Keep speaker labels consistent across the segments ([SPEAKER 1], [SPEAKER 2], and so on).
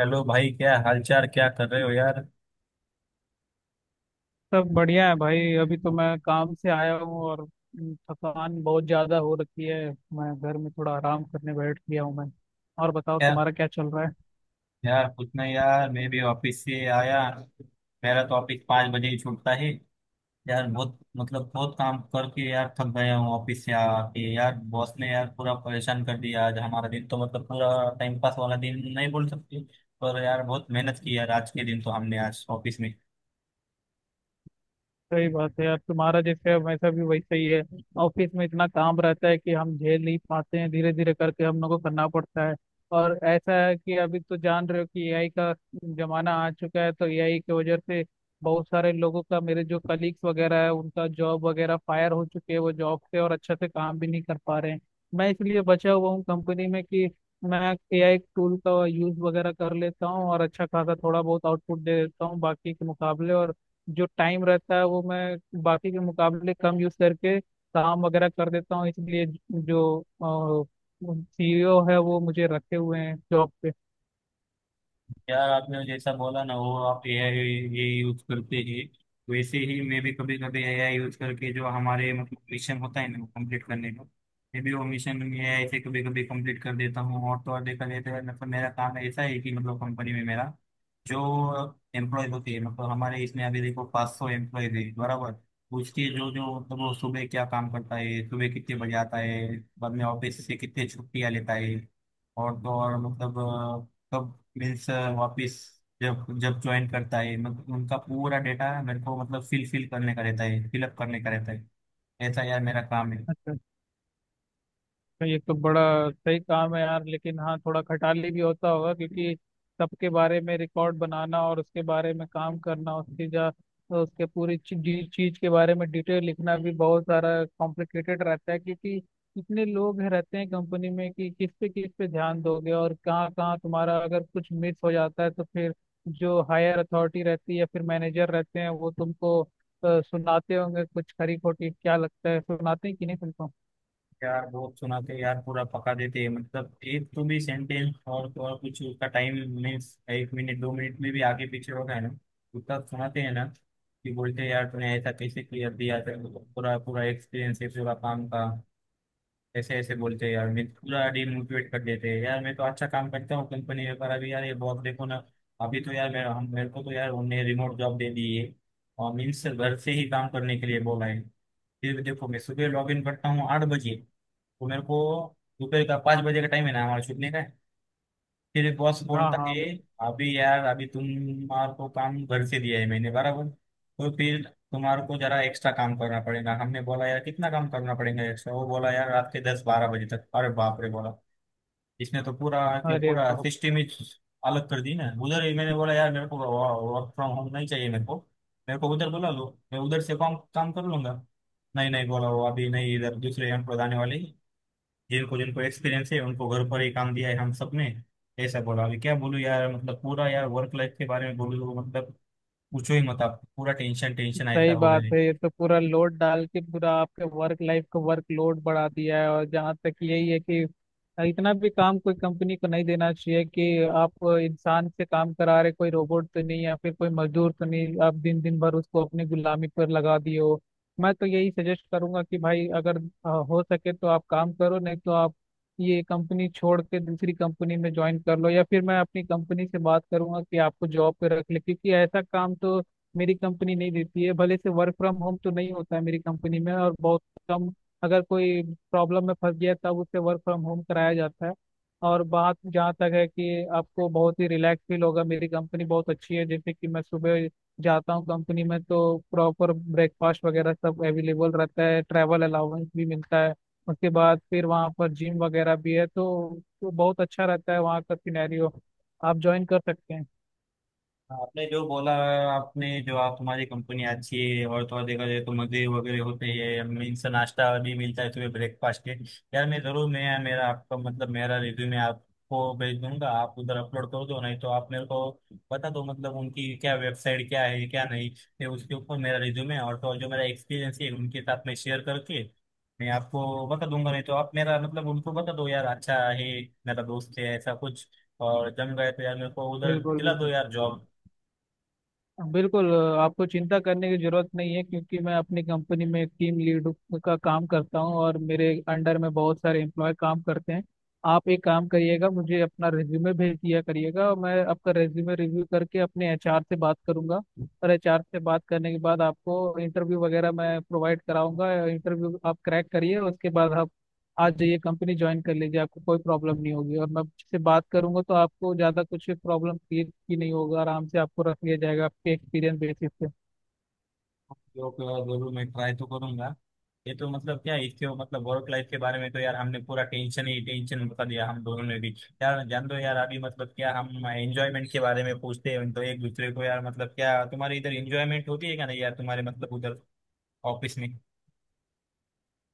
[SPEAKER 1] Hello भाई, क्या हालचाल? क्या कर रहे हो यार?
[SPEAKER 2] सब बढ़िया है भाई। अभी तो मैं काम से आया हूँ और थकान बहुत ज्यादा हो रखी है। मैं घर में थोड़ा आराम करने बैठ गया हूँ। मैं और बताओ
[SPEAKER 1] क्या?
[SPEAKER 2] तुम्हारा क्या चल रहा है।
[SPEAKER 1] यार कुछ नहीं यार, मैं भी ऑफिस से आया। मेरा तो ऑफिस 5 बजे ही छूटता है। यार बहुत बहुत काम करके यार थक गया हूँ। ऑफिस से आके यार बॉस ने यार पूरा परेशान कर दिया। आज हमारा दिन तो मतलब पूरा टाइम पास वाला दिन नहीं बोल सकते। पर यार बहुत मेहनत की यार आज के दिन तो हमने आज ऑफिस में।
[SPEAKER 2] सही बात है यार, तुम्हारा जैसे वैसा भी वैसा ही है। ऑफिस में इतना काम रहता है कि हम झेल नहीं पाते हैं, धीरे धीरे करके हम लोग को करना पड़ता है। और ऐसा है कि अभी तो जान रहे हो कि एआई का जमाना आ चुका है। तो एआई की वजह से बहुत सारे लोगों का, मेरे जो कलीग्स वगैरह है, उनका जॉब वगैरह फायर हो चुके हैं वो जॉब से, और अच्छे से काम भी नहीं कर पा रहे हैं। मैं इसलिए बचा हुआ हूँ कंपनी में कि मैं एआई टूल का यूज वगैरह कर लेता हूँ और अच्छा खासा थोड़ा बहुत आउटपुट दे देता हूँ बाकी के मुकाबले। और जो टाइम रहता है वो मैं बाकी के मुकाबले कम यूज करके काम वगैरह कर देता हूँ, इसलिए जो सीईओ है वो मुझे रखे हुए हैं जॉब पे।
[SPEAKER 1] यार आपने जैसा बोला ना, वो आप एआई ये यूज करते हैं। वैसे ही मैं भी कभी कभी एआई यूज करके जो हमारे मतलब मिशन होता है ना, वो कंप्लीट करने का, मैं भी वो मिशन एआई से कभी कभी कंप्लीट कर देता हूँ। और तो और देखा जाता है, मतलब मेरा काम ऐसा है कि मतलब कंपनी में मेरा जो एम्प्लॉय होते हैं, मतलब हमारे इसमें अभी देखो 500 एम्प्लॉय है बराबर। उसके जो जो मतलब वो सुबह क्या काम करता है, सुबह कितने बजे आता है, बाद में ऑफिस से कितने छुट्टियाँ लेता है, और तो और मतलब कब, मीन्स वापस जब जब ज्वाइन करता है, मतलब उनका पूरा डेटा मेरे को मतलब फिल फिल करने का रहता है, फिलअप करने का रहता है। ऐसा यार मेरा काम है।
[SPEAKER 2] अच्छा, तो ये तो बड़ा सही काम है यार। लेकिन हाँ, थोड़ा खटाली भी होता होगा क्योंकि सबके बारे में रिकॉर्ड बनाना और उसके बारे में काम करना, उसकी जा उसके पूरी चीज चीज के बारे में डिटेल लिखना भी बहुत सारा कॉम्प्लिकेटेड रहता है। क्योंकि इतने रहते हैं कंपनी में कि किस पे ध्यान दोगे, और कहाँ कहाँ तुम्हारा अगर कुछ मिस हो जाता है तो फिर जो हायर अथॉरिटी रहती है या फिर मैनेजर रहते हैं, वो तुमको सुनाते होंगे कुछ खरी खोटी। क्या लगता है, सुनाते हैं कि नहीं तुमको।
[SPEAKER 1] यार बहुत सुनाते हैं यार, पूरा पका देते हैं। मतलब एक तो भी सेंटेंस, और तो और कुछ उसका टाइम मीन्स 1 मिनट 2 मिनट में भी आगे पीछे होगा है ना, उतना सुनाते हैं ना। कि बोलते हैं यार तूने ऐसा कैसे क्लियर दिया, तेरे को पूरा पूरा एक्सपीरियंस है पूरा काम का। ऐसे ऐसे बोलते हैं यार, मैं पूरा डिमोटिवेट कर देते हैं यार। मैं तो अच्छा काम करता हूँ कंपनी में, पर अभी यार ये बॉस देखो ना। अभी तो यार मेरा हम मेरे को तो यार उन्होंने रिमोट जॉब दे दी है, और मीन्स घर से ही काम करने के लिए बोला है। फिर भी देखो, मैं सुबह लॉग इन करता हूँ 8 बजे, तो मेरे को दोपहर का 5 बजे का टाइम है ना हमारा छूटने का। फिर बॉस
[SPEAKER 2] हाँ
[SPEAKER 1] बोलता
[SPEAKER 2] हाँ।
[SPEAKER 1] है अभी यार, अभी तुम्हारे को काम घर से दिया है मैंने बराबर, तो फिर तुम्हारे को जरा एक्स्ट्रा काम करना पड़ेगा। हमने बोला यार कितना काम करना पड़ेगा एक्स्ट्रा? वो बोला यार रात के 10-12 बजे तक। अरे बाप रे! बोला इसने तो पूरा के
[SPEAKER 2] अरे
[SPEAKER 1] पूरा
[SPEAKER 2] बाप।
[SPEAKER 1] सिस्टम ही अलग कर दी ना उधर ही। मैंने बोला यार मेरे को वर्क फ्रॉम होम नहीं चाहिए, मेरे को उधर बुला लो, मैं उधर से काम काम कर लूंगा। नहीं नहीं बोला वो, अभी नहीं, इधर दूसरे एम्प्लॉय आने वाले हैं। जिनको जिनको एक्सपीरियंस है उनको घर पर ही काम दिया है, हम सबने ऐसा बोला। अभी क्या बोलूं यार, मतलब पूरा यार वर्क लाइफ के बारे में बोलूं तो मतलब पूछो ही मत आप, पूरा टेंशन टेंशन ऐसा
[SPEAKER 2] सही
[SPEAKER 1] हो गया।
[SPEAKER 2] बात है, ये तो पूरा लोड डाल के पूरा आपके वर्क लाइफ का वर्क लोड बढ़ा दिया है। और जहाँ तक यही है कि इतना भी काम कोई कंपनी को नहीं देना चाहिए कि आप इंसान से काम करा रहे। कोई रोबोट तो नहीं या फिर कोई मजदूर तो नहीं, आप दिन दिन भर उसको अपनी गुलामी पर लगा दिए हो। मैं तो यही सजेस्ट करूंगा कि भाई, अगर हो सके तो आप काम करो, नहीं तो आप ये कंपनी छोड़ के दूसरी कंपनी में ज्वाइन कर लो। या फिर मैं अपनी कंपनी से बात करूंगा कि आपको जॉब पे रख ले, क्योंकि ऐसा काम तो मेरी कंपनी नहीं देती है। भले से वर्क फ्रॉम होम तो नहीं होता है मेरी कंपनी में, और बहुत कम, अगर कोई प्रॉब्लम में फंस गया तब उससे वर्क फ्रॉम होम कराया जाता है। और बात जहाँ तक है कि आपको बहुत ही रिलैक्स फील होगा, मेरी कंपनी बहुत अच्छी है। जैसे कि मैं सुबह जाता हूँ कंपनी में तो प्रॉपर ब्रेकफास्ट वगैरह सब अवेलेबल रहता है, ट्रैवल अलाउंस भी मिलता है। उसके बाद फिर वहाँ पर जिम वगैरह भी है तो बहुत अच्छा रहता है वहाँ का सिनेरियो। आप ज्वाइन कर सकते हैं।
[SPEAKER 1] आपने जो बोला, आपने जो आप तुम्हारी कंपनी अच्छी है, और तो और देखा जाए तो मजे वगैरह होते हैं, मीन्स नाश्ता भी मिलता है तुम्हें ब्रेकफास्ट के। यार मैं जरूर मैं मेरा आपका मतलब मेरा रिज्यूमे आपको भेज दूंगा, आप उधर अपलोड कर दो। नहीं तो आप मेरे को बता दो मतलब उनकी क्या वेबसाइट क्या है, क्या नहीं। फिर उसके ऊपर मेरा रिज्यूमे और तो और जो मेरा एक्सपीरियंस है उनके साथ में शेयर करके मैं आपको बता दूंगा। नहीं तो आप मेरा मतलब उनको बता दो, यार अच्छा है मेरा दोस्त है, ऐसा कुछ। और जम गए तो यार मेरे को उधर
[SPEAKER 2] बिल्कुल
[SPEAKER 1] दिला दो
[SPEAKER 2] बिल्कुल।
[SPEAKER 1] यार जॉब।
[SPEAKER 2] बिल्कुल। आपको चिंता करने की जरूरत नहीं है क्योंकि मैं अपनी कंपनी में टीम लीड का काम करता हूँ और मेरे अंडर में बहुत सारे एम्प्लॉय काम करते हैं। आप एक काम करिएगा, मुझे अपना रेज्यूमे भेज दिया करिएगा, और मैं आपका रेज्यूमे रिव्यू करके अपने एचआर से बात करूंगा। और एचआर से बात करने के बाद आपको इंटरव्यू वगैरह मैं प्रोवाइड कराऊंगा। इंटरव्यू आप क्रैक करिए, उसके बाद आप आ जाइए, कंपनी ज्वाइन कर लीजिए। आपको कोई प्रॉब्लम नहीं होगी, और मैं से बात करूंगा तो आपको ज़्यादा कुछ प्रॉब्लम क्रिएट की नहीं होगा, आराम से आपको रख लिया जाएगा आपके एक्सपीरियंस बेसिस पे।
[SPEAKER 1] ओके, और जरूर मैं ट्राई तो करूंगा। ये तो मतलब क्या है, इसके मतलब वर्क लाइफ के बारे में तो यार हमने पूरा टेंशन ही टेंशन बता दिया हम दोनों ने भी। यार जान दो यार। अभी मतलब क्या, हम एंजॉयमेंट के बारे में पूछते हैं तो एक दूसरे को, यार मतलब क्या तुम्हारे इधर एंजॉयमेंट होती है क्या नहीं यार तुम्हारे मतलब उधर ऑफिस में?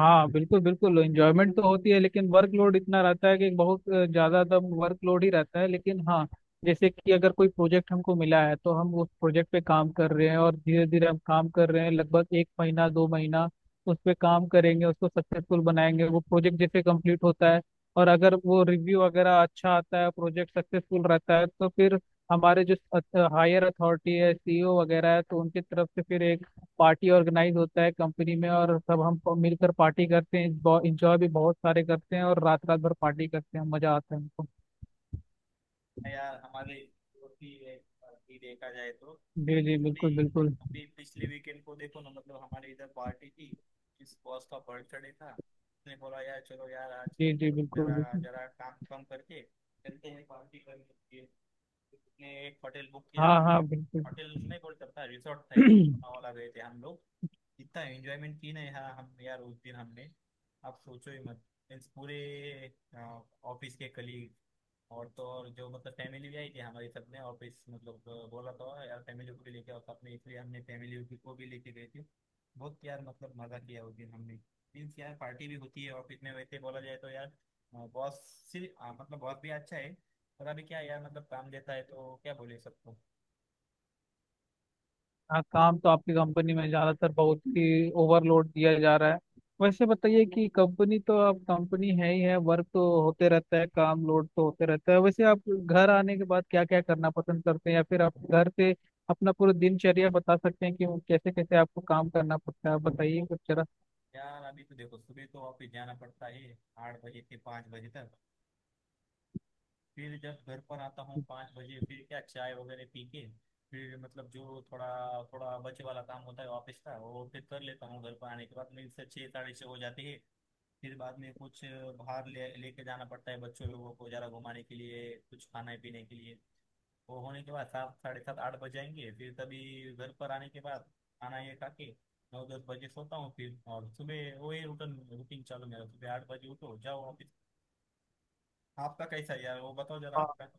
[SPEAKER 2] हाँ बिल्कुल बिल्कुल, एंजॉयमेंट तो होती है लेकिन वर्कलोड इतना रहता है कि बहुत ज्यादा दम वर्कलोड ही रहता है। लेकिन हाँ, जैसे कि अगर कोई प्रोजेक्ट हमको मिला है तो हम उस प्रोजेक्ट पे काम कर रहे हैं, और धीरे धीरे हम काम कर रहे हैं। लगभग एक महीना दो महीना उस पे काम करेंगे, उसको सक्सेसफुल बनाएंगे। वो प्रोजेक्ट जैसे कंप्लीट होता है और अगर वो रिव्यू वगैरह अच्छा आता है, प्रोजेक्ट सक्सेसफुल रहता है, तो फिर हमारे जो हायर अथॉरिटी है, सीईओ वगैरह है, तो उनकी तरफ से फिर एक पार्टी ऑर्गेनाइज होता है कंपनी में, और सब हम मिलकर पार्टी करते हैं, इंजॉय भी बहुत सारे करते हैं, और रात रात भर पार्टी करते हैं, मजा आता है हमको।
[SPEAKER 1] यार हमारे ही है। अभी देखा जाए तो
[SPEAKER 2] जी
[SPEAKER 1] अभी
[SPEAKER 2] जी
[SPEAKER 1] अभी
[SPEAKER 2] बिल्कुल बिल्कुल।
[SPEAKER 1] अभी पिछले वीकेंड को देखो ना, मतलब हमारे इधर पार्टी थी। किस बॉस का बर्थडे था। उसने बोला यार चलो यार आज
[SPEAKER 2] जी जी बिल्कुल
[SPEAKER 1] जरा
[SPEAKER 2] बिल्कुल।
[SPEAKER 1] जरा काम कम करके चलते हैं पार्टी करने के लिए। उसने एक होटल बुक किया
[SPEAKER 2] हाँ
[SPEAKER 1] था।
[SPEAKER 2] हाँ बिल्कुल।
[SPEAKER 1] होटल नहीं बोल सकता, रिसोर्ट था एक, वहाँ वाला गए थे हम लोग। इतना एंजॉयमेंट की ना यार, हम यार उस दिन हमने आप सोचो ही मत। मीन्स पूरे ऑफिस के कलीग, और तो और जो मतलब फैमिली भी आई थी हमारी सबने। और फिर मतलब बोला तो यार फैमिली को भी लेके आओ साथ में, इसलिए हमने को भी लेके गए थे। बहुत यार मतलब मजा किया उस दिन हमने। मीन्स यार पार्टी भी होती है ऑफिस में, वैसे बोला जाए तो यार। बॉस सिर्फ मतलब बॉस भी अच्छा है। पर अभी क्या है यार, मतलब काम देता है तो क्या बोले सबको।
[SPEAKER 2] हाँ, काम तो आपकी कंपनी में ज्यादातर बहुत ही ओवरलोड दिया जा रहा है। वैसे बताइए कि कंपनी तो आप, कंपनी है ही है, वर्क तो होते रहता है, काम लोड तो होते रहता है। वैसे आप घर आने के बाद क्या क्या करना पसंद करते हैं, या फिर आप घर से अपना पूरा दिनचर्या बता सकते हैं कि वो कैसे कैसे आपको काम करना पड़ता है। बताइए कुछ जरा।
[SPEAKER 1] यार अभी तो देखो सुबह तो ऑफिस जाना पड़ता है, 8 बजे से 5 बजे तक। फिर जब घर पर आता हूँ 5 बजे, फिर क्या चाय वगैरह पी के, फिर मतलब जो थोड़ा थोड़ा बचे वाला काम होता है ऑफिस का, वो फिर कर लेता हूँ घर पर आने के बाद। मेरे से 6 साढ़े 6 हो जाती है। फिर बाद में कुछ बाहर ले लेके जाना पड़ता है बच्चों लोगों को ज़रा घुमाने के लिए, कुछ खाने पीने के लिए। वो होने के बाद 7 साढ़े 7 8 बज जाएंगे, फिर तभी घर पर आने के बाद खाना ये खा के 9-10 बजे सोता हूँ। फिर और सुबह वही रूटीन रूटीन चालू, मेरा सुबह 8 बजे उठो जाओ ऑफिस। आपका कैसा है यार, वो बताओ जरा आपका।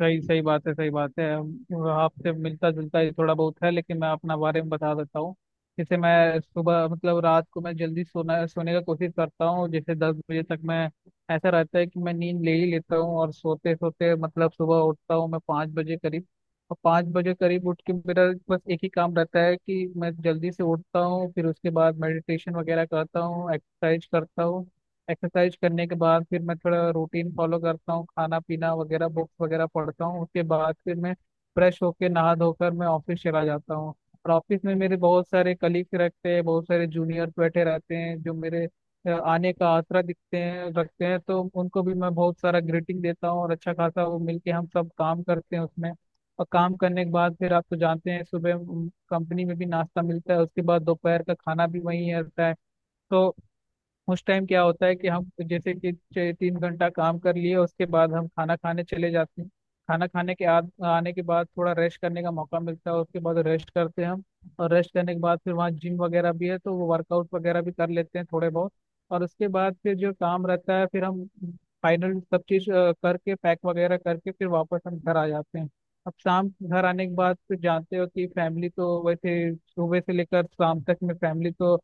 [SPEAKER 2] सही सही बात है, सही बात है। आपसे मिलता जुलता ही थोड़ा बहुत है, लेकिन मैं अपना बारे में बता देता हूँ। जैसे मैं सुबह मतलब रात को मैं जल्दी सोना सोने का कोशिश करता हूँ। जैसे 10 बजे तक मैं, ऐसा रहता है कि मैं नींद ले ही लेता हूँ। और सोते सोते मतलब सुबह उठता हूँ मैं 5 बजे करीब। और 5 बजे करीब उठ के मेरा बस एक ही काम रहता है कि मैं जल्दी से उठता हूँ, फिर उसके बाद मेडिटेशन वगैरह करता हूँ, एक्सरसाइज करता हूँ। एक्सरसाइज करने के बाद फिर मैं थोड़ा रूटीन फॉलो करता हूँ, खाना पीना वगैरह, बुक्स वगैरह पढ़ता हूँ। उसके बाद फिर मैं फ्रेश होके नहा धोकर मैं ऑफिस चला जाता हूँ। और ऑफिस में मेरे बहुत सारे कलीग्स रहते हैं, बहुत सारे जूनियर्स बैठे रहते हैं जो मेरे आने का आसरा दिखते हैं रखते हैं, तो उनको भी मैं बहुत सारा ग्रीटिंग देता हूँ, और अच्छा खासा वो मिलके हम सब काम करते हैं उसमें। और काम करने के बाद फिर आप तो जानते हैं, सुबह कंपनी में भी नाश्ता मिलता है, उसके बाद दोपहर का खाना भी वहीं रहता है। तो उस टाइम क्या होता है कि हम जैसे कि 3 घंटा काम कर लिए, उसके बाद हम खाना खाने चले जाते हैं। खाना खाने के आने के बाद थोड़ा रेस्ट करने का मौका मिलता है, उसके बाद रेस्ट करते हैं हम। और रेस्ट करने के बाद फिर वहाँ जिम वगैरह भी है तो वो वर्कआउट वगैरह भी कर लेते हैं थोड़े बहुत। और उसके बाद फिर जो काम रहता है फिर हम फाइनल सब चीज़ करके पैक वगैरह करके फिर वापस हम घर आ जाते हैं। अब शाम घर आने के बाद फिर जानते हो कि फैमिली तो, वैसे सुबह से लेकर शाम तक में फैमिली तो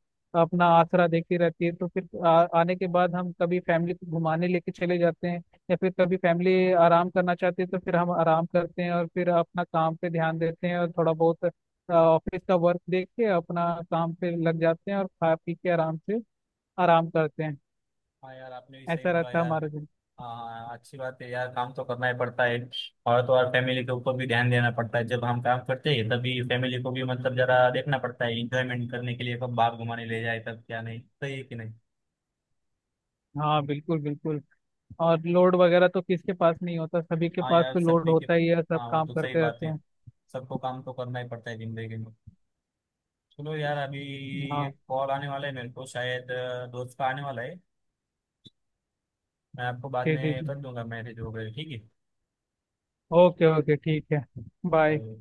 [SPEAKER 2] अपना आसरा देती रहती है, तो फिर आने के बाद हम कभी फैमिली को घुमाने लेके चले जाते हैं। या फिर कभी फैमिली आराम करना चाहती है तो फिर हम आराम करते हैं, और फिर अपना काम पे ध्यान देते हैं। और थोड़ा बहुत ऑफिस का वर्क देख के अपना काम पे लग जाते हैं, और खा पी के आराम से आराम करते हैं।
[SPEAKER 1] हाँ यार आपने भी सही
[SPEAKER 2] ऐसा
[SPEAKER 1] बोला
[SPEAKER 2] रहता है
[SPEAKER 1] यार।
[SPEAKER 2] हमारा दिन।
[SPEAKER 1] हाँ, अच्छी बात है यार, काम तो करना ही पड़ता है। और तो और फैमिली के ऊपर भी ध्यान देना पड़ता है। जब हम काम करते हैं, तभी फैमिली को भी मतलब जरा देखना पड़ता है, इंजॉयमेंट करने के लिए कब बाहर घुमाने ले जाए, तब क्या नहीं। सही है कि नहीं?
[SPEAKER 2] हाँ बिल्कुल बिल्कुल। और लोड वगैरह तो किसके पास नहीं होता, सभी के
[SPEAKER 1] हाँ
[SPEAKER 2] पास
[SPEAKER 1] यार
[SPEAKER 2] तो लोड
[SPEAKER 1] सभी के।
[SPEAKER 2] होता ही है, सब
[SPEAKER 1] हाँ वो
[SPEAKER 2] काम
[SPEAKER 1] तो सही
[SPEAKER 2] करते
[SPEAKER 1] बात
[SPEAKER 2] रहते
[SPEAKER 1] है,
[SPEAKER 2] हैं।
[SPEAKER 1] सबको काम तो करना ही पड़ता है जिंदगी में। चलो यार अभी
[SPEAKER 2] हाँ।
[SPEAKER 1] एक कॉल आने वाला है मेरे को शायद, दोस्त का आने वाला है। मैं आपको बाद
[SPEAKER 2] जी जी
[SPEAKER 1] में
[SPEAKER 2] जी।
[SPEAKER 1] कर दूंगा मैसेज वगैरह, ठीक है?
[SPEAKER 2] ओके ओके ठीक है। बाय।
[SPEAKER 1] Bye.